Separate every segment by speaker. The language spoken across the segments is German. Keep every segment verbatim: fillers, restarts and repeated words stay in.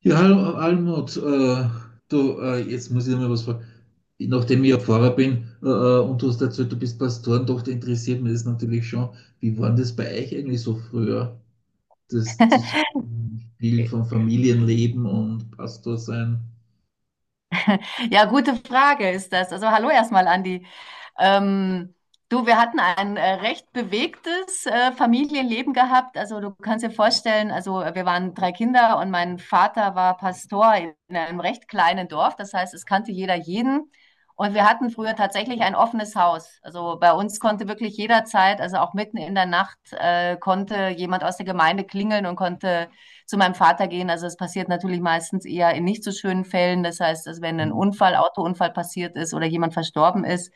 Speaker 1: Ja, hallo Almut, äh, du, äh, jetzt muss ich dir mal was fragen. Nachdem ich ja Pfarrer bin, äh, äh, und du hast erzählt, du bist Pastorentochter, interessiert mich das natürlich schon. Wie war denn das bei euch eigentlich so früher? Das Zusammenspiel von Familienleben und Pastor sein?
Speaker 2: Ja, gute Frage ist das. Also hallo erstmal, Andi. Ähm, du, wir hatten ein äh, recht bewegtes äh, Familienleben gehabt. Also du kannst dir vorstellen, also äh, wir waren drei Kinder und mein Vater war Pastor in einem recht kleinen Dorf. Das heißt, es kannte jeder jeden. Und wir hatten früher tatsächlich ein offenes Haus. Also bei uns konnte wirklich jederzeit, also auch mitten in der Nacht, äh, konnte jemand aus der Gemeinde klingeln und konnte zu meinem Vater gehen. Also es passiert natürlich meistens eher in nicht so schönen Fällen. Das heißt, dass wenn ein
Speaker 1: Hm.
Speaker 2: Unfall, Autounfall passiert ist oder jemand verstorben ist.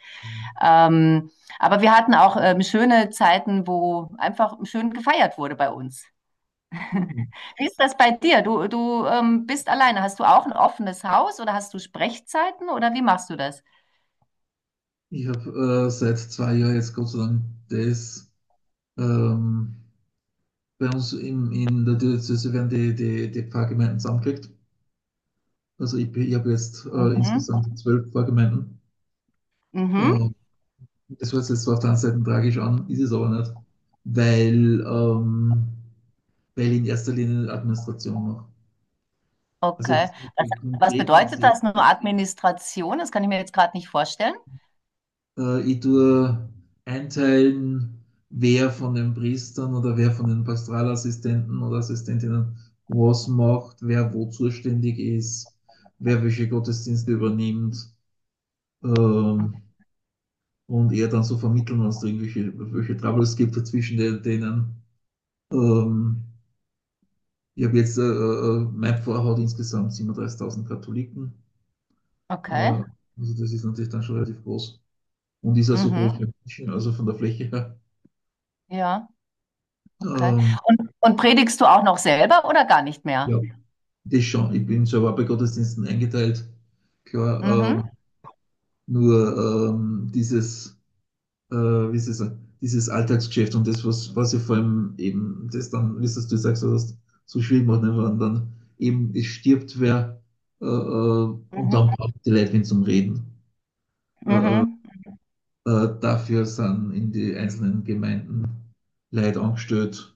Speaker 2: Ähm, aber wir hatten auch ähm, schöne Zeiten, wo einfach schön gefeiert wurde bei uns. Wie ist das bei dir? Du, du ähm, bist alleine. Hast du auch ein offenes Haus oder hast du Sprechzeiten oder wie machst du das?
Speaker 1: Ich habe äh, seit zwei Jahren jetzt, Gott sei Dank, das ähm, bei uns in, in der Diözese werden die, die, die Pfarrgemeinden zusammengelegt. Also ich, ich habe jetzt äh,
Speaker 2: Mhm.
Speaker 1: insgesamt zwölf Pfarrgemeinden.
Speaker 2: Mhm.
Speaker 1: Ähm, Das hört sich jetzt zwar auf der einen Seite tragisch an, ist es aber nicht, weil, ähm, weil ich in erster Linie Administration mache. Also
Speaker 2: Okay.
Speaker 1: was ich habe
Speaker 2: Was,
Speaker 1: mit
Speaker 2: was
Speaker 1: konkreten
Speaker 2: bedeutet
Speaker 1: gesehen,
Speaker 2: das nur Administration? Das kann ich mir jetzt gerade nicht vorstellen.
Speaker 1: äh, ich tue einteilen, wer von den Priestern oder wer von den Pastoralassistenten oder Assistentinnen was macht, wer wo zuständig ist, wer welche Gottesdienste übernimmt.
Speaker 2: Hm,
Speaker 1: Ähm, und eher dann so vermitteln, wenn es da irgendwelche welche Troubles gibt zwischen den, denen. Ähm, Ich habe jetzt, äh, äh, mein Pfarrer hat insgesamt siebenunddreißigtausend Katholiken. Äh,
Speaker 2: okay.
Speaker 1: also das ist natürlich dann schon relativ groß. Und ist auch so groß
Speaker 2: Mhm.
Speaker 1: wie München, also von der Fläche her.
Speaker 2: Ja, okay.
Speaker 1: Ähm,
Speaker 2: Und, und predigst du auch noch selber oder gar nicht mehr?
Speaker 1: ja, das schon. Ich bin selber bei Gottesdiensten eingeteilt. Klar,
Speaker 2: Mhm.
Speaker 1: ähm, nur ähm, dieses, äh, wie soll ich sagen, dieses Alltagsgeschäft und das, was, was ja vor allem eben, das dann, wie es du sagst, was so schwierig macht, ne, wenn dann eben es stirbt wer, äh, äh, und dann
Speaker 2: Mhm.
Speaker 1: braucht die Leute wen zum Reden. Äh, äh,
Speaker 2: Mhm.
Speaker 1: Äh, dafür sind in die einzelnen Gemeinden Leute angestellt,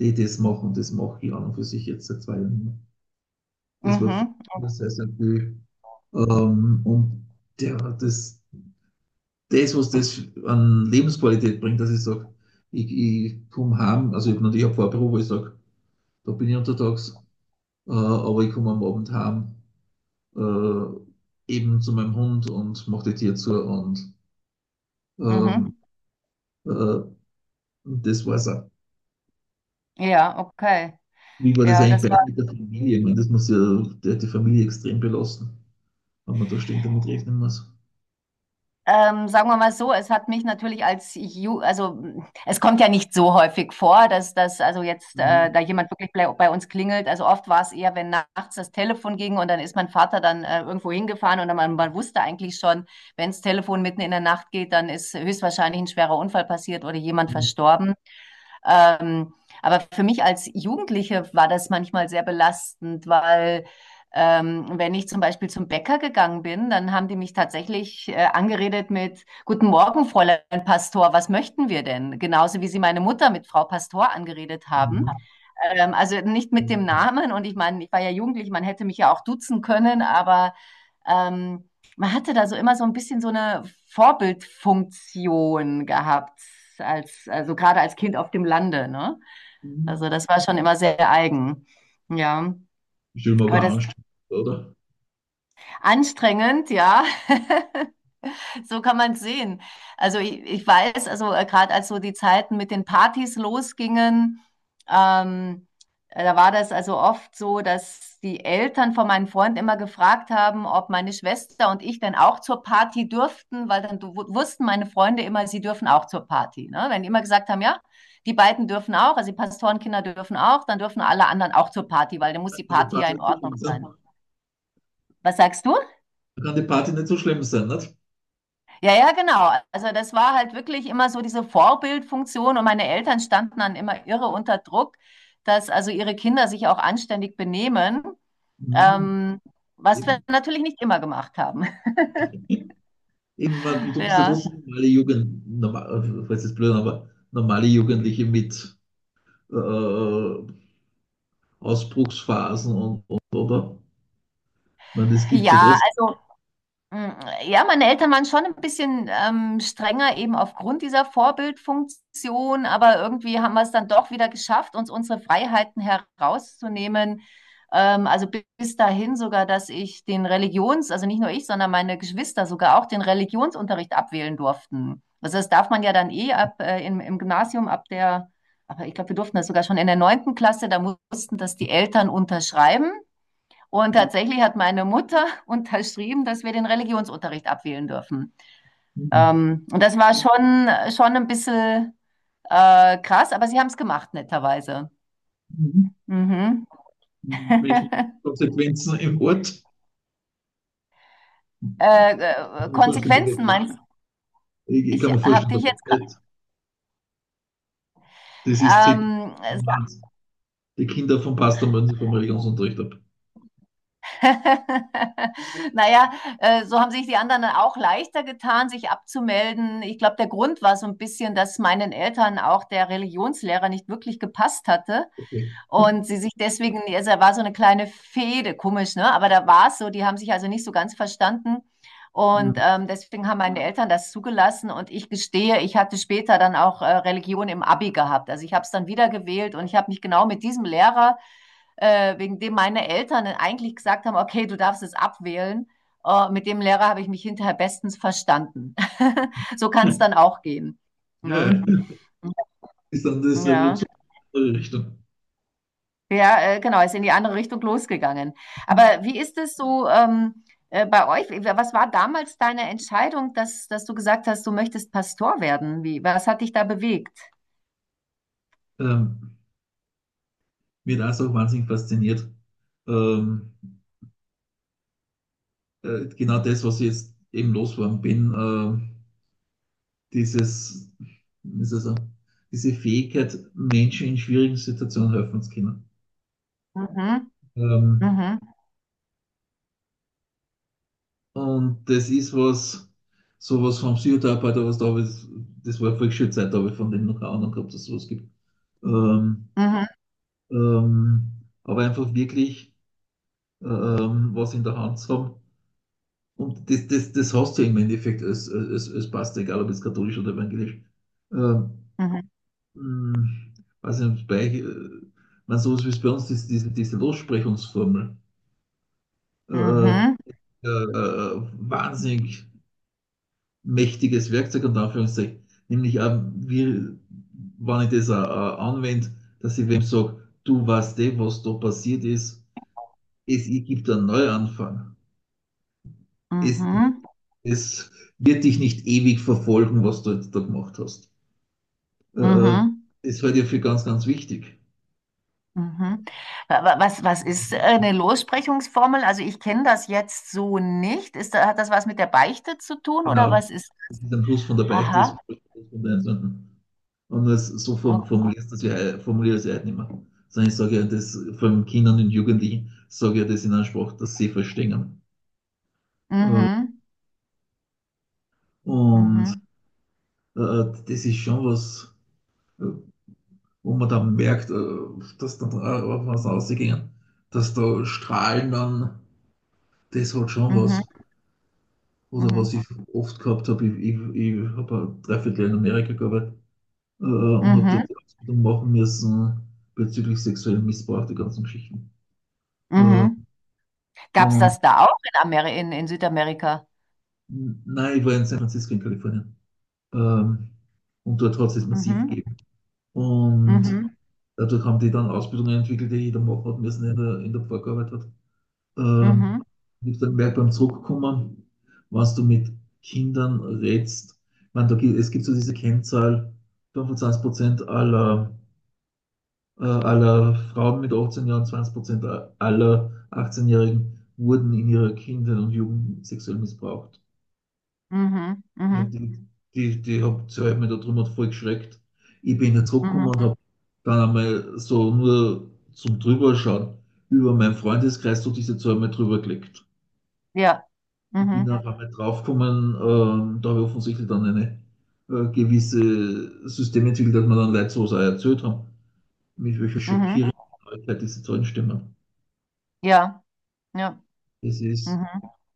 Speaker 1: die das machen. Das mache ich an und für sich jetzt seit zwei Jahren nicht mehr. Das war
Speaker 2: Mhm.
Speaker 1: früher sehr, sehr viel. Ähm, und der, das, das, was das an Lebensqualität bringt, dass ich sage, ich, ich komme heim, also ich habe natürlich ein Fahrbüro, wo ich sage, da bin ich untertags, äh, aber ich komme am Abend heim, äh, eben zu meinem Hund und mache die Tür zu und ähm,
Speaker 2: Mhm.
Speaker 1: äh, das war's auch.
Speaker 2: Ja, okay.
Speaker 1: Wie war das
Speaker 2: Ja,
Speaker 1: eigentlich
Speaker 2: das.
Speaker 1: bei euch mit der Familie? Ich meine, das muss ja, der hat die Familie extrem belasten, wenn man da ständig damit rechnen muss.
Speaker 2: Ähm, sagen wir mal so, es hat mich natürlich als Ju also es kommt ja nicht so häufig vor, dass das also jetzt äh,
Speaker 1: Mhm.
Speaker 2: da jemand wirklich bei, bei uns klingelt. Also oft war es eher, wenn nachts das Telefon ging und dann ist mein Vater dann äh, irgendwo hingefahren, und dann man, man wusste eigentlich schon, wenn das Telefon mitten in der Nacht geht, dann ist höchstwahrscheinlich ein schwerer Unfall passiert oder jemand
Speaker 1: Mhm.
Speaker 2: verstorben. Ähm, aber für mich als Jugendliche war das manchmal sehr belastend, weil ähm, wenn ich zum Beispiel zum Bäcker gegangen bin, dann haben die mich tatsächlich äh, angeredet mit: Guten Morgen, Fräulein Pastor, was möchten wir denn? Genauso wie sie meine Mutter mit Frau Pastor angeredet haben. Ähm, also nicht mit dem Namen. Und ich meine, ich war ja jugendlich, man hätte mich ja auch duzen können, aber ähm, man hatte da so immer so ein bisschen so eine Vorbildfunktion gehabt, als, also gerade als Kind auf dem Lande, ne? Also
Speaker 1: Mhm.
Speaker 2: das war schon immer sehr eigen. Ja.
Speaker 1: Ich stelle mir
Speaker 2: Aber
Speaker 1: aber auch
Speaker 2: das ist
Speaker 1: anstrengend vor, oder?
Speaker 2: anstrengend, ja. So kann man es sehen. Also ich, ich weiß, also äh, gerade als so die Zeiten mit den Partys losgingen, ähm, äh, da war das also oft so, dass die Eltern von meinen Freunden immer gefragt haben, ob meine Schwester und ich dann auch zur Party dürften, weil dann du- wussten meine Freunde immer, sie dürfen auch zur Party. Ne? Wenn die immer gesagt haben: Ja, die beiden dürfen auch, also die Pastorenkinder dürfen auch, dann dürfen alle anderen auch zur Party, weil dann muss
Speaker 1: Da
Speaker 2: die
Speaker 1: kann die
Speaker 2: Party ja
Speaker 1: Party
Speaker 2: in
Speaker 1: nicht so
Speaker 2: Ordnung
Speaker 1: schlimm sein.
Speaker 2: sein.
Speaker 1: Da
Speaker 2: Was sagst du?
Speaker 1: kann die Party nicht so schlimm sein, nicht?
Speaker 2: Ja, ja, genau. Also das war halt wirklich immer so diese Vorbildfunktion, und meine Eltern standen dann immer irre unter Druck, dass also ihre Kinder sich auch anständig benehmen,
Speaker 1: Mhm.
Speaker 2: ähm, was wir
Speaker 1: Eben.
Speaker 2: natürlich nicht immer gemacht haben.
Speaker 1: Eben, man- du bist ja
Speaker 2: Ja,
Speaker 1: trotzdem normale Jugend, normal, falls jetzt blöd, aber normale Jugendliche mit äh, Ausbruchsphasen und, und, oder? Ich meine, das gibt es ja
Speaker 2: ja,
Speaker 1: trotzdem.
Speaker 2: also. Mm, Ja, meine Eltern waren schon ein bisschen ähm, strenger eben aufgrund dieser Vorbildfunktion, aber irgendwie haben wir es dann doch wieder geschafft, uns unsere Freiheiten herauszunehmen. Ähm, also bi- bis dahin sogar, dass ich den Religions, also nicht nur ich, sondern meine Geschwister sogar auch den Religionsunterricht abwählen durften. Also das darf man ja dann eh ab äh, im, im Gymnasium ab der, aber ich glaube, wir durften das sogar schon in der neunten Klasse, da mussten das die Eltern unterschreiben. Und tatsächlich hat meine Mutter unterschrieben, dass wir den Religionsunterricht abwählen dürfen.
Speaker 1: Mhm.
Speaker 2: Ähm, und das war schon, schon ein bisschen äh, krass, aber sie haben es gemacht, netterweise.
Speaker 1: Mhm.
Speaker 2: Mhm.
Speaker 1: Menschliche
Speaker 2: äh,
Speaker 1: Konsequenzen im Ort. Ich
Speaker 2: äh,
Speaker 1: kann mir vorstellen, da wird,
Speaker 2: Konsequenzen meinst du?
Speaker 1: ja, Ich, ich
Speaker 2: Ich
Speaker 1: kann mir
Speaker 2: habe
Speaker 1: vorstellen, da
Speaker 2: dich jetzt.
Speaker 1: wird. Das ist täglich,
Speaker 2: Ähm,
Speaker 1: die Kinder vom Pastor müssen sich vom Religionsunterricht ab.
Speaker 2: naja, äh, so haben sich die anderen dann auch leichter getan, sich abzumelden. Ich glaube, der Grund war so ein bisschen, dass meinen Eltern auch der Religionslehrer nicht wirklich gepasst hatte.
Speaker 1: Okay.
Speaker 2: Und sie sich deswegen, also da war so eine kleine Fehde, komisch, ne? Aber da war es so, die haben sich also nicht so ganz verstanden. Und
Speaker 1: Mhm.
Speaker 2: ähm, deswegen haben meine Eltern das zugelassen. Und ich gestehe, ich hatte später dann auch äh, Religion im Abi gehabt. Also ich habe es dann wieder gewählt, und ich habe mich genau mit diesem Lehrer, äh, wegen dem meine Eltern eigentlich gesagt haben, okay, du darfst es abwählen. Äh, mit dem Lehrer habe ich mich hinterher bestens verstanden. so kann es dann auch gehen.
Speaker 1: Ja,
Speaker 2: Ne?
Speaker 1: ja. Das ist dann das
Speaker 2: Ja.
Speaker 1: revolutionäre Richtung.
Speaker 2: Ja, äh, genau, ist in die andere Richtung losgegangen. Aber wie ist es so ähm, äh, bei euch? Was war damals deine Entscheidung, dass, dass du gesagt hast, du möchtest Pastor werden? Wie, was hat dich da bewegt?
Speaker 1: Ähm, Mir hat das auch so wahnsinnig fasziniert. Ähm, äh, genau das, was ich jetzt eben losgeworden bin, äh, dieses, wie soll ich, diese Fähigkeit, Menschen in schwierigen Situationen helfen zu können.
Speaker 2: Mhm,
Speaker 1: Ähm,
Speaker 2: mhm,
Speaker 1: Und das ist was, sowas vom Psychotherapeuten, was da habe ich, das war vor schöne Zeit, da habe ich von dem noch keine Ahnung gehabt, dass es sowas gibt. Ähm,
Speaker 2: mhm,
Speaker 1: ähm, aber einfach wirklich ähm, was in der Hand haben. Und das, das, das hast du im Endeffekt als, als, als Pastor, egal ob jetzt katholisch oder evangelisch. Ähm,
Speaker 2: mhm,
Speaker 1: hm, Weiß nicht, bei äh, man sowas wie es bei uns ist, diese, diese Lossprechungsformel. Äh,
Speaker 2: mhm,
Speaker 1: äh, äh, Wahnsinnig mächtiges Werkzeug, unter Anführungszeichen. Nämlich, auch, wie, wenn ich das auch, auch anwende, dass ich wem sage, du weißt eh, was da passiert ist, es gibt einen Neuanfang. Es,
Speaker 2: mhm,
Speaker 1: es wird dich nicht ewig verfolgen, was du jetzt da gemacht hast. Äh, äh,
Speaker 2: mhm.
Speaker 1: Das halte ich für ganz, ganz wichtig.
Speaker 2: Mhm. Wa- wa- Was, was ist äh, eine Lossprechungsformel? Also ich kenne das jetzt so nicht. Ist da, hat das was mit der Beichte zu tun oder
Speaker 1: Genau.
Speaker 2: was ist?
Speaker 1: Das ist ein Plus von der Beichte, das ist
Speaker 2: Aha.
Speaker 1: ein Plus von der Sünden. Und das, so form-
Speaker 2: Okay.
Speaker 1: formulierst du es ja, formuliere ich es ja heute nicht mehr. Sondern ich sage ja das von Kindern und Jugendlichen, sage ja das in einer Sprache, dass sie verstehen. Äh,
Speaker 2: Mhm.
Speaker 1: Und
Speaker 2: Mhm.
Speaker 1: äh, das ist schon was, äh, wo man dann merkt, äh, dass dann auf was rausgehen, dass da Strahlen dann, das hat schon
Speaker 2: Mhm.
Speaker 1: was. Oder
Speaker 2: Mhm.
Speaker 1: was ich oft gehabt habe, ich, ich, ich habe ein Dreiviertel Jahr in Amerika gearbeitet, äh,
Speaker 2: Mhm.
Speaker 1: und habe
Speaker 2: Mhm.
Speaker 1: dort die Ausbildung machen müssen bezüglich sexuellen Missbrauch, die ganzen Geschichten. Äh,
Speaker 2: Mhm. Gab's
Speaker 1: und
Speaker 2: das da auch in Ameri in, in Südamerika?
Speaker 1: nein, ich war in San Francisco in Kalifornien. Ähm, und dort hat es es massiv
Speaker 2: Mhm.
Speaker 1: gegeben. Und
Speaker 2: Mhm.
Speaker 1: dadurch haben die dann Ausbildungen entwickelt, die jeder machen hat müssen, der in der, in der Pfarrgearbeit hat. Ähm,
Speaker 2: Mhm.
Speaker 1: Ich habe dann gemerkt beim Zurückkommen, was du mit Kindern redst. Ich meine, da gibt, es gibt so diese Kennzahl, fünfundzwanzig Prozent aller äh, aller Frauen mit achtzehn Jahren, zwanzig Prozent aller achtzehnjährigen-Jährigen wurden in ihrer Kindheit und Jugend sexuell missbraucht.
Speaker 2: Mhm.
Speaker 1: Ich hab
Speaker 2: Mhm.
Speaker 1: die, die, die hab, die hat mich da drüber voll geschreckt. Ich bin jetzt zurückgekommen
Speaker 2: Mhm.
Speaker 1: und habe dann einmal so nur zum Drüberschauen über meinen Freundeskreis so diese zwei Mal drüber gelegt.
Speaker 2: Ja.
Speaker 1: Ich bin
Speaker 2: Mhm.
Speaker 1: auf einmal draufgekommen, ähm, da habe ich offensichtlich dann eine äh, gewisse System entwickelt, dass man dann Leute sowas auch erzählt haben, mit welcher
Speaker 2: Mhm.
Speaker 1: schockierenden Neuigkeit diese Zahlen stimmen.
Speaker 2: Ja. Ja.
Speaker 1: Das ist,
Speaker 2: Mhm.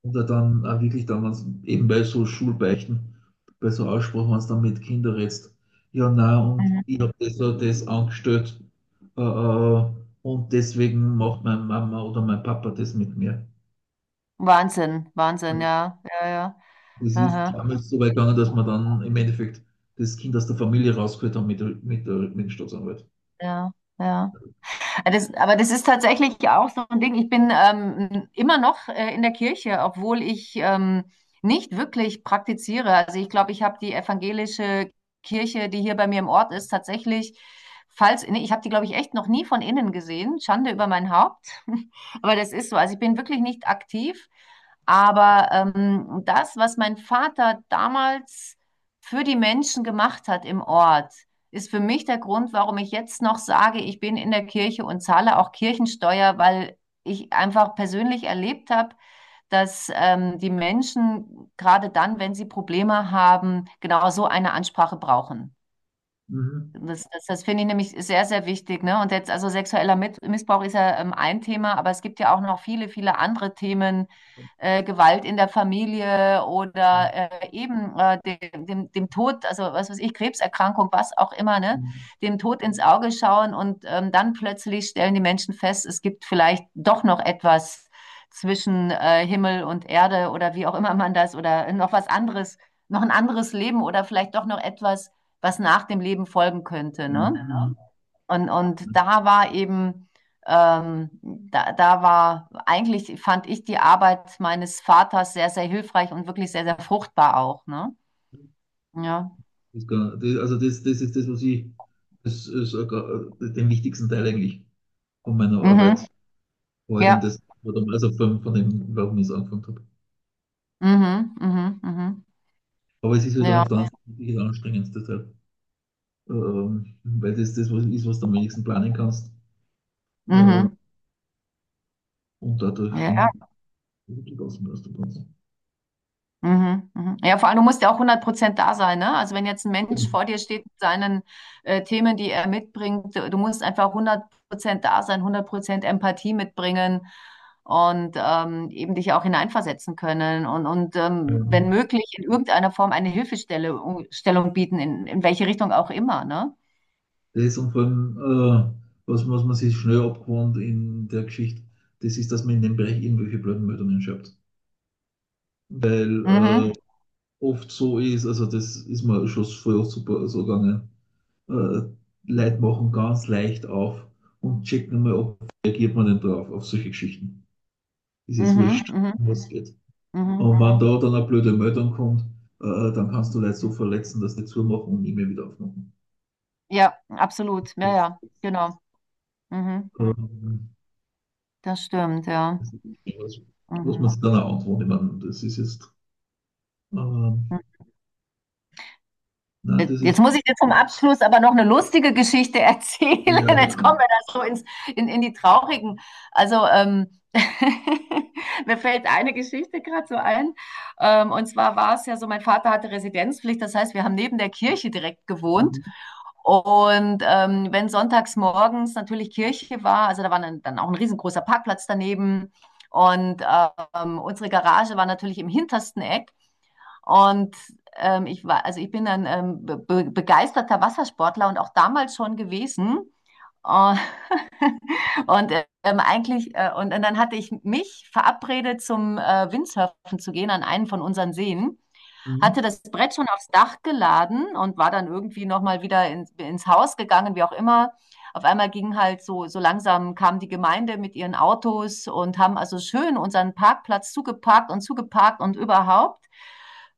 Speaker 1: und dann auch wirklich dann, wenn's, eben bei so Schulbeichten, bei so Aussprachen, wenn es dann mit Kindern redst, ja, na und
Speaker 2: Mhm.
Speaker 1: ich habe das, und das angestellt, äh, äh, und deswegen macht meine Mama oder mein Papa das mit mir.
Speaker 2: Wahnsinn. Wahnsinn, ja. Ja, ja.
Speaker 1: Das ist
Speaker 2: Aha.
Speaker 1: damals so weit gegangen, dass man dann im Endeffekt das Kind aus der Familie rausgeholt haben mit, der- mit, der- mit dem Staatsanwalt.
Speaker 2: Ja. Ja. Äh, Das, aber das ist tatsächlich ja auch so ein Ding. Ich bin ähm, immer noch äh, in der Kirche, obwohl ich ähm, nicht wirklich praktiziere. Also ich glaube, ich habe die evangelische Kirche, die hier bei mir im Ort ist, tatsächlich, falls, nee, ich habe die, glaube ich, echt noch nie von innen gesehen. Schande über mein Haupt. Aber das ist so. Also ich bin wirklich nicht aktiv. Aber ähm, das, was mein Vater damals für die Menschen gemacht hat im Ort, ist für mich der Grund, warum ich jetzt noch sage, ich bin in der Kirche und zahle auch Kirchensteuer, weil ich einfach persönlich erlebt habe, dass ähm, die Menschen gerade dann, wenn sie Probleme haben, genau so eine Ansprache brauchen.
Speaker 1: Mhm.
Speaker 2: Das, das, das finde ich nämlich sehr, sehr wichtig, ne? Und jetzt, also sexueller Mit- Missbrauch ist ja ähm, ein Thema, aber es gibt ja auch noch viele, viele andere Themen, äh, Gewalt in der Familie oder äh, eben äh, dem, dem, dem Tod, also was weiß ich, Krebserkrankung, was auch immer, ne?
Speaker 1: Ja.
Speaker 2: Dem Tod ins Auge schauen und ähm, dann plötzlich stellen die Menschen fest, es gibt vielleicht doch noch etwas zwischen äh, Himmel und Erde, oder wie auch immer man das, oder noch was anderes, noch ein anderes Leben oder vielleicht doch noch etwas, was nach dem Leben folgen könnte. Ne?
Speaker 1: Genau.
Speaker 2: Und, und da war eben, ähm, da, da war eigentlich, fand ich die Arbeit meines Vaters sehr, sehr hilfreich und wirklich sehr, sehr fruchtbar auch. Ne? Ja.
Speaker 1: Das, kann- das- also das, das ist das, was ich, das ist äh, den wichtigsten Teil eigentlich von meiner
Speaker 2: Mhm.
Speaker 1: Arbeit heute, und
Speaker 2: Ja.
Speaker 1: das war dann, also, von, von dem, warum ich es angefangen habe.
Speaker 2: Mhm. Mhm. Mhm.
Speaker 1: Aber es ist halt dann
Speaker 2: Ja.
Speaker 1: auf der, ja, anderen Seite wirklich anstrengend, deshalb, ähm, weil das das was ist, was du am wenigsten planen kannst. Äh,
Speaker 2: Mhm.
Speaker 1: und dadurch bin ich
Speaker 2: Ja.
Speaker 1: gut gelassen aus dem Ganzen.
Speaker 2: Mhm, mhm. Ja, vor allem, du musst ja auch hundert Prozent da sein, ne? Also wenn jetzt ein Mensch vor dir steht mit seinen äh, Themen, die er mitbringt, du musst einfach hundert Prozent da sein, hundert Prozent Empathie mitbringen, und ähm, eben dich auch hineinversetzen können, und, und ähm, wenn
Speaker 1: Ähm,
Speaker 2: möglich in irgendeiner Form eine Hilfestellung Stellung bieten, in, in welche Richtung auch immer, ne?
Speaker 1: Das und vor allem, äh, was, was man sich schnell abgewohnt in der Geschichte, das ist, dass man in dem Bereich irgendwelche blöden Meldungen schreibt.
Speaker 2: Mhm,
Speaker 1: Weil äh, oft so ist, also das ist mir schon früher super so gegangen, äh, Leute machen ganz leicht auf und checken mal, ob reagiert man denn drauf, auf solche Geschichten. Ist jetzt
Speaker 2: mhm,
Speaker 1: wurscht,
Speaker 2: mhm,
Speaker 1: um was es geht.
Speaker 2: mhm.
Speaker 1: Und wenn da dann eine blöde Meldung kommt, äh, dann kannst du Leute so verletzen, dass die zumachen und nie mehr wieder aufmachen.
Speaker 2: Ja, absolut. Ja,
Speaker 1: Das,
Speaker 2: ja, genau. Mhm,
Speaker 1: ähm,
Speaker 2: das stimmt, ja.
Speaker 1: das ist nicht was, was man
Speaker 2: Mhm.
Speaker 1: sich dann auch antworten. Ich meine, das ist jetzt, ähm,
Speaker 2: Mhm.
Speaker 1: nein, das
Speaker 2: Jetzt
Speaker 1: ist,
Speaker 2: muss ich dir zum Abschluss aber noch eine lustige Geschichte erzählen.
Speaker 1: ja,
Speaker 2: Jetzt
Speaker 1: genau.
Speaker 2: kommen wir da so ins, in, in die traurigen. Also, ähm, mir fällt eine Geschichte gerade so ein. Ähm, und zwar war es ja so, mein Vater hatte Residenzpflicht. Das heißt, wir haben neben der Kirche direkt gewohnt.
Speaker 1: Mhm.
Speaker 2: Und ähm, wenn sonntags morgens natürlich Kirche war, also da war dann, dann auch ein riesengroßer Parkplatz daneben. Und ähm, unsere Garage war natürlich im hintersten Eck. Und ähm, ich war, also ich bin ein ähm, be begeisterter Wassersportler, und auch damals schon gewesen. Und, und ähm, eigentlich, äh, und, und dann hatte ich mich verabredet, zum äh, Windsurfen zu gehen an einen von unseren Seen.
Speaker 1: Mhm.
Speaker 2: Hatte das Brett schon aufs Dach geladen und war dann irgendwie nochmal wieder in, ins Haus gegangen, wie auch immer. Auf einmal ging halt so, so langsam kam die Gemeinde mit ihren Autos und haben also schön unseren Parkplatz zugeparkt und zugeparkt und überhaupt.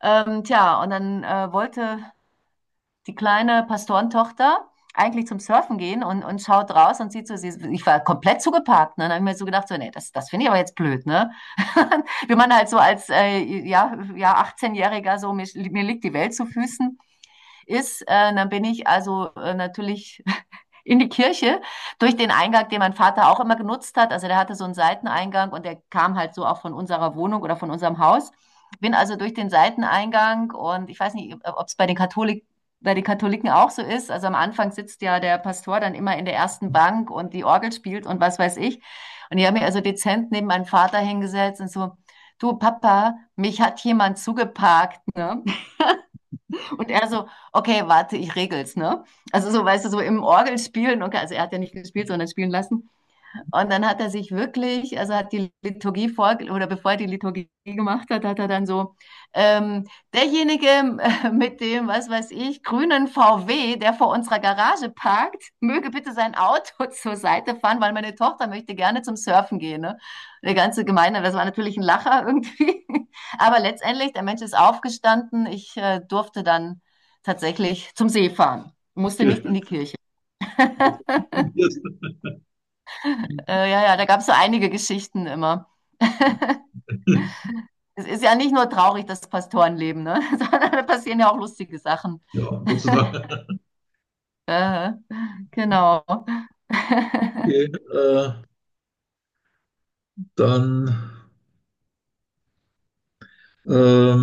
Speaker 2: Ähm, tja, und dann äh, wollte die kleine Pastorentochter eigentlich zum Surfen gehen, und, und, schaut raus und sieht so, sie, ich war komplett zugeparkt. Ne? Dann habe ich mir so gedacht, so, nee, das, das finde ich aber jetzt blöd, ne? Wie man halt so als äh, ja, ja, achtzehnjähriger-Jähriger so, mir, mir liegt die Welt zu Füßen ist. Äh, dann bin ich also äh, natürlich in die Kirche, durch den Eingang, den mein Vater auch immer genutzt hat. Also der hatte so einen Seiteneingang, und der kam halt so auch von unserer Wohnung oder von unserem Haus. Bin also durch den Seiteneingang, und ich weiß nicht, ob es bei den Katholik bei den Katholiken auch so ist. Also am Anfang sitzt ja der Pastor dann immer in der ersten Bank und die Orgel spielt und was weiß ich. Und ich habe mich also dezent neben meinen Vater hingesetzt und so: Du Papa, mich hat jemand zugeparkt. Ne? Und er so: Okay, warte, ich regel's, ne? Also so, weißt du, so im Orgel spielen, okay, also er hat ja nicht gespielt, sondern spielen lassen. Und dann hat er sich wirklich, also hat die Liturgie vor, oder bevor er die Liturgie gemacht hat, hat er dann so, ähm, derjenige äh, mit dem, was weiß ich, grünen V W, der vor unserer Garage parkt, möge bitte sein Auto zur Seite fahren, weil meine Tochter möchte gerne zum Surfen gehen. Ne? Der ganze Gemeinde, das war natürlich ein Lacher irgendwie. Aber letztendlich, der Mensch ist aufgestanden. Ich äh, durfte dann tatsächlich zum See fahren, musste nicht in die Kirche. Äh, ja, ja, da gab es so einige Geschichten immer. Es ist ja nicht nur traurig, das Pastorenleben, ne? sondern da passieren ja auch lustige Sachen.
Speaker 1: Ja, Gott sei Dank.
Speaker 2: Äh, genau.
Speaker 1: Okay, äh, dann ähm,